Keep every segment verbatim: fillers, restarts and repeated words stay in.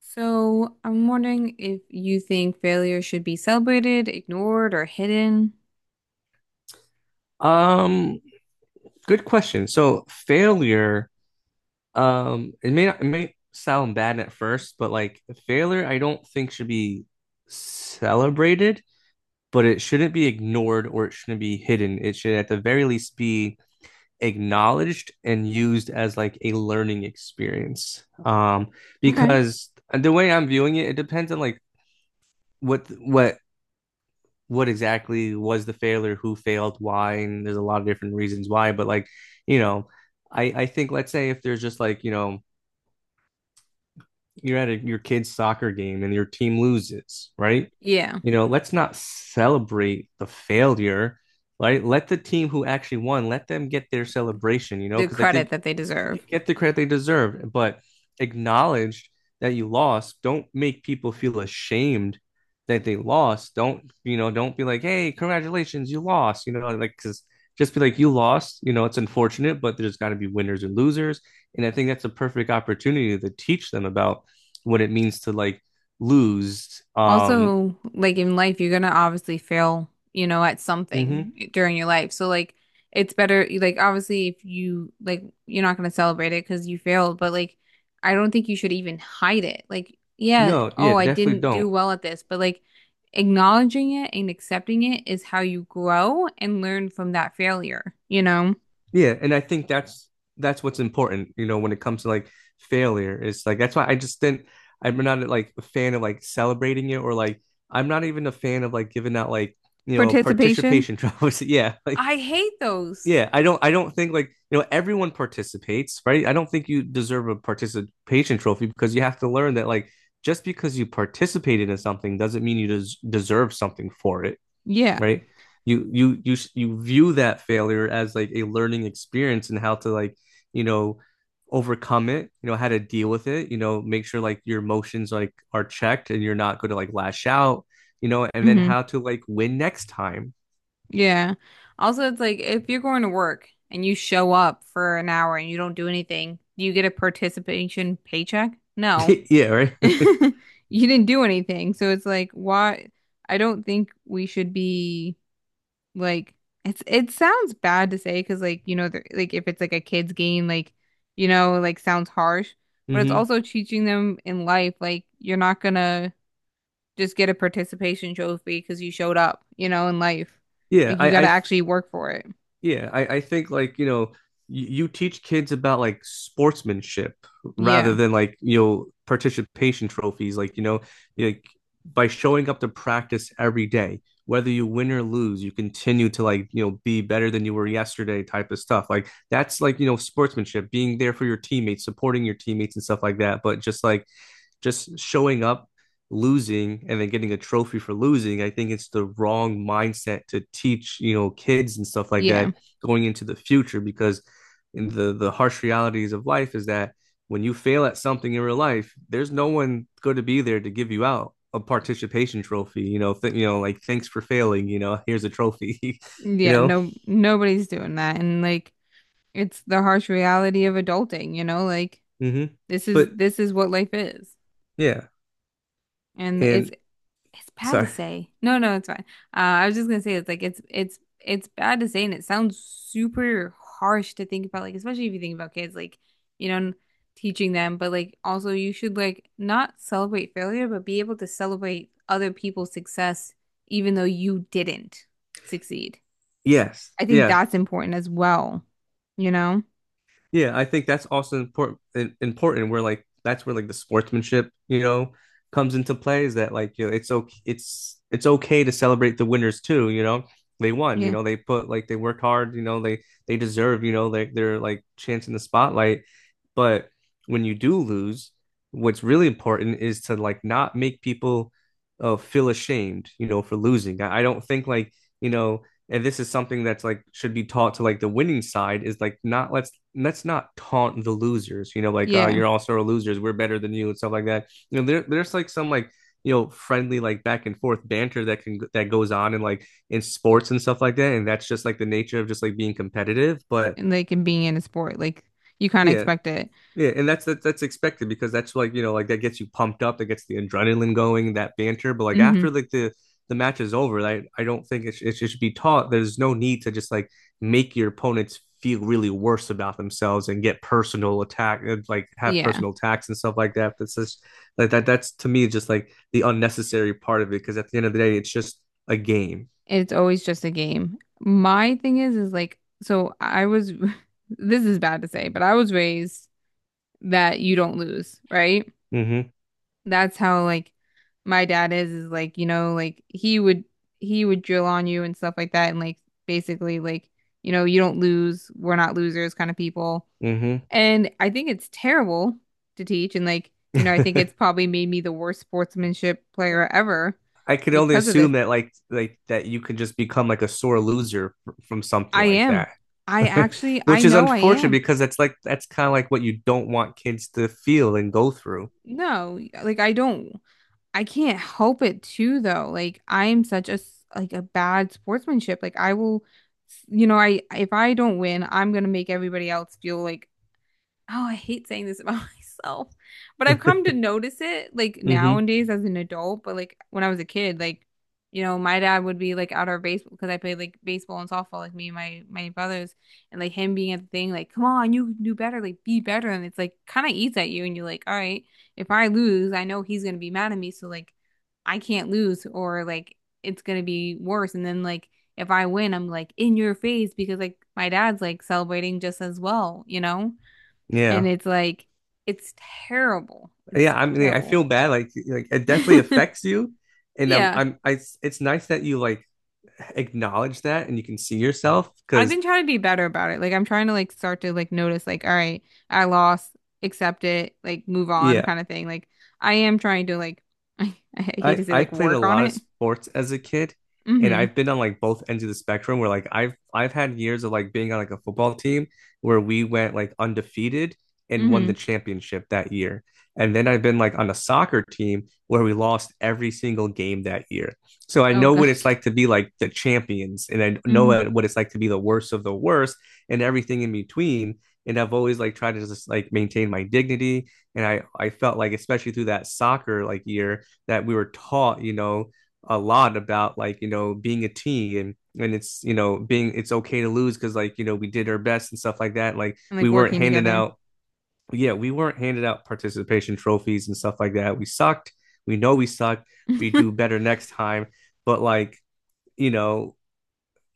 So I'm wondering if you think failure should be celebrated, ignored, or hidden. Um, Good question. So failure, um, it may not, it may sound bad at first, but like failure, I don't think should be celebrated, but it shouldn't be ignored or it shouldn't be hidden. It should at the very least be acknowledged and used as like a learning experience. Um, Okay. Because the way I'm viewing it, it depends on like what what what exactly was the failure, who failed, why, and there's a lot of different reasons why. But like, you know, I I think, let's say if there's just like, you know you're at a, your kid's soccer game and your team loses, right? Yeah, You know, let's not celebrate the failure, right? Let the team who actually won let them get their celebration, you know, the because I credit think that they deserve. get the credit they deserve, but acknowledge that you lost. Don't make people feel ashamed that they lost. Don't, you know, don't be like, hey, congratulations, you lost, you know, like, because just be like, you lost, you know, it's unfortunate, but there's got to be winners and losers. And I think that's a perfect opportunity to teach them about what it means to like lose. Um, Also, like in life, you're gonna obviously fail, you know, at Mhm. something during your life. So like it's better like obviously if you like you're not gonna celebrate it because you failed, but like I don't think you should even hide it. Like, yeah, No, yeah, oh, I definitely didn't do don't. well at this, but like acknowledging it and accepting it is how you grow and learn from that failure, you know? Yeah, and I think that's that's what's important, you know, when it comes to like failure. It's like that's why I just didn't I'm not like a fan of like celebrating it or like I'm not even a fan of like giving out like, you know, Participation? participation trophies. Yeah, like I hate those. yeah, I don't I don't think like, you know, everyone participates, right? I don't think you deserve a participation trophy because you have to learn that like just because you participated in something doesn't mean you des- deserve something for it, Yeah. right? You you you you view that failure as like a learning experience and how to like, you know, overcome it, you know, how to deal with it, you know, make sure like your emotions like are checked and you're not going to like lash out, you know, and then Hmm. how to like win next time. Yeah. Also, it's like if you're going to work and you show up for an hour and you don't do anything, do you get a participation paycheck? No. Yeah, right. You didn't do anything. So it's like, why? I don't think we should be like it's it sounds bad to say because, like, you know, they're- like if it's like a kid's game, like, you know, like sounds harsh, but it's Hmm. also teaching them in life like you're not gonna just get a participation trophy because you showed up, you know, in life. Yeah, Like you got I to I actually work for it. Yeah, I, I think like, you know, you, you teach kids about like sportsmanship rather Yeah. than like, you know, participation trophies. Like, you know, like by showing up to practice every day, whether you win or lose, you continue to like, you know, be better than you were yesterday type of stuff. Like that's like, you know, sportsmanship, being there for your teammates, supporting your teammates and stuff like that. But just like, just showing up, losing, and then getting a trophy for losing. I think it's the wrong mindset to teach, you know, kids and stuff like Yeah. that going into the future because in the the harsh realities of life is that when you fail at something in real life, there's no one going to be there to give you out a participation trophy. You know, th- you know, like, thanks for failing. You know, here's a trophy. you Yeah. know, No, nobody's doing that. And like, it's the harsh reality of adulting, you know? Like, Mm-hmm. this is But this is what life is. yeah, And it's and it's bad to sorry, say. No, no, it's fine. Uh, I was just gonna say it's like it's it's it's bad to say and it sounds super harsh to think about, like, especially if you think about kids, like, you know, teaching them, but like also you should like not celebrate failure, but be able to celebrate other people's success even though you didn't succeed. yes, I think yeah. that's important as well. You know? Yeah, I think that's also important important where like that's where like the sportsmanship, you know, comes into play, is that like, you know, it's okay it's it's okay to celebrate the winners too, you know. They won, you Yeah. know, they put like they worked hard, you know, they they deserve, you know, like their like chance in the spotlight. But when you do lose, what's really important is to like not make people uh, feel ashamed, you know, for losing. I, I don't think like, you know, and this is something that's like should be taught to like the winning side is like not, let's let's not taunt the losers, you know like, oh, Yeah. you're all star losers, we're better than you and stuff like that, you know there, there's like some like, you know friendly like back and forth banter that can that goes on in like in sports and stuff like that, and that's just like the nature of just like being competitive, but And like in being in a sport, like you kind of yeah, expect it. yeah, and that's that, that's expected, because that's like, you know like that gets you pumped up, that gets the adrenaline going, that banter. But like Hmm. after like the the match is over, I I don't think it, sh- it should be taught. There's no need to just like make your opponents feel really worse about themselves and get personal attack, and, like have Yeah. personal attacks and stuff like that. That's just like that. That's to me just like the unnecessary part of it, because at the end of the day, it's just a game. It's always just a game. My thing is, is like, so I was, this is bad to say, but I was raised that you don't lose, right? Mm-hmm. That's how like my dad is, is like, you know, like he would, he would drill on you and stuff like that. And like basically, like, you know, you don't lose. We're not losers kind of people. Mm-hmm. And I think it's terrible to teach. And, like, you know, I think it's probably made me the worst sportsmanship player ever I could only because of this. assume that like like that you could just become like a sore loser from something I like am. that. I actually, I Which is know I unfortunate, am. because that's like that's kind of like what you don't want kids to feel and go through. No, like I don't, I can't help it too, though. Like I'm such a, s- like a bad sportsmanship. Like I will, you know, I, if I don't win, I'm gonna make everybody else feel like oh, I hate saying this about myself, but Hmm. I've come to notice it like nowadays as an adult, but like when I was a kid, like, you know, my dad would be like out our baseball because I played like baseball and softball, like me and my my brothers, and like him being at the thing, like, come on, you can do better, like be better. And it's like kind of eats at you, and you're like, all right, if I lose, I know he's gonna be mad at me, so like I can't lose, or like it's gonna be worse. And then like if I win, I'm like in your face because like my dad's like celebrating just as well, you know? And Yeah. it's like, it's terrible. It's Yeah, I mean I terrible. feel bad like, like it definitely affects you, and um Yeah. I'm I it's nice that you like acknowledge that and you can see yourself, I've because been trying to be better about it. Like I'm trying to like start to like notice like, all right, I lost, accept it, like move on yeah, kind of thing. Like I am trying to like I, I hate I to say I like played a work on lot of it. sports as a kid, and Mm-hmm. I've been on like both ends of the spectrum where like I've I've had years of like being on like a football team where we went like undefeated and won Mm-hmm. the championship that year. And then I've been like on a soccer team where we lost every single game that year. So I Oh know what it's gosh. like to be like the champions, and I know Mm-hmm. what it's like to be the worst of the worst and everything in between. And I've always like tried to just like maintain my dignity. And I I felt like, especially through that soccer like year, that we were taught, you know, a lot about like, you know, being a team, and and it's, you know being it's okay to lose, because like, you know we did our best and stuff like that, like And we like weren't working handed together. out yeah, we weren't handed out participation trophies and stuff like that. We sucked. We know we sucked. We do better next time. But like, you know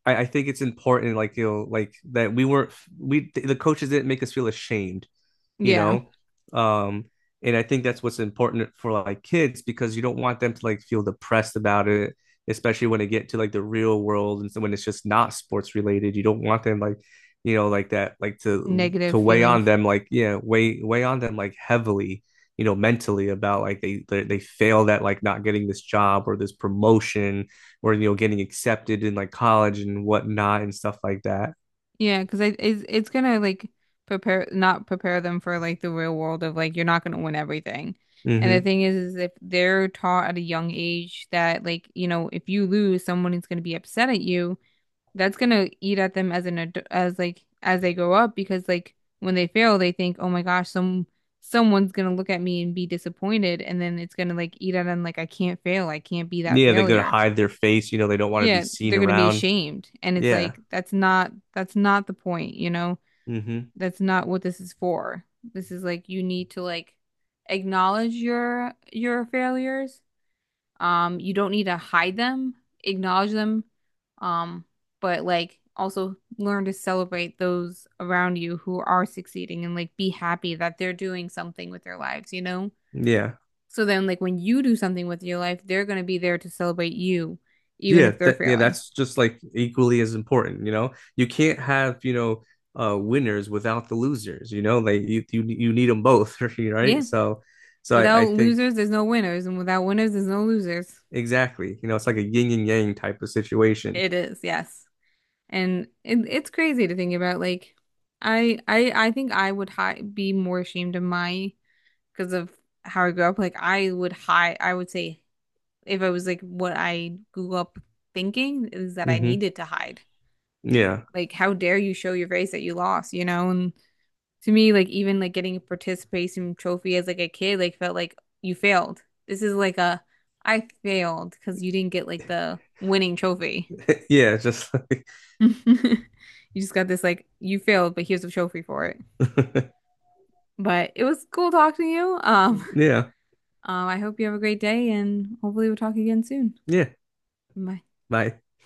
I, I think it's important like, you know like that we weren't we the coaches didn't make us feel ashamed, you Yeah. know um and I think that's what's important for like kids because you don't want them to like feel depressed about it, especially when they get to like the real world, and so when it's just not sports related, you don't want them like, you know like that like to Negative to weigh on feelings. them, like yeah, weigh weigh on them like heavily, you know mentally, about like they they, they failed at like not getting this job or this promotion, or you know getting accepted in like college and whatnot and stuff like that. Yeah, because it, it's it's gonna like prepare not prepare them for like the real world of like you're not gonna win everything. And the Mm-hmm. thing is, is if they're taught at a young age that like you know if you lose, someone is gonna be upset at you. That's gonna eat at them as an ad as like as they grow up because like when they fail, they think, oh my gosh, some someone's gonna look at me and be disappointed, and then it's gonna like eat at them like I can't fail, I can't be that Yeah, they go to failure. hide their face, you know they don't want to be Yeah, seen they're gonna be around. ashamed, and it's Yeah. like that's not that's not the point, you know? Hmm. That's not what this is for. This is like you need to like acknowledge your your failures. Um, you don't need to hide them, acknowledge them. Um, but like also learn to celebrate those around you who are succeeding and like be happy that they're doing something with their lives, you know? Yeah. So then like when you do something with your life, they're gonna be there to celebrate you, even Yeah. if they're That Yeah, failing. that's just like equally as important, you know? You can't have, you know, uh winners without the losers, you know? Like you you, you need them both, right? Yeah. So so I, I Without think losers, there's no winners, and without winners, there's no losers. exactly, you know, it's like a yin and yang type of situation. It is, yes. And it, it's crazy to think about. Like, I I I think I would hi be more ashamed of my because of how I grew up. Like, I would hide. I would say if I was like what I grew up thinking is that I Hmm. needed to hide. Yeah. Like, how dare you show your face that you lost? You know? And to me, like even like getting a participation trophy as like a kid, like felt like you failed. This is like a I failed because you didn't get like the winning trophy. Yeah, just like You just got this like you failed, but here's a trophy for it. But it was cool talking to you. Um, yeah. um, I hope you have a great day, and hopefully we'll talk again soon. Yeah. Bye. Bye.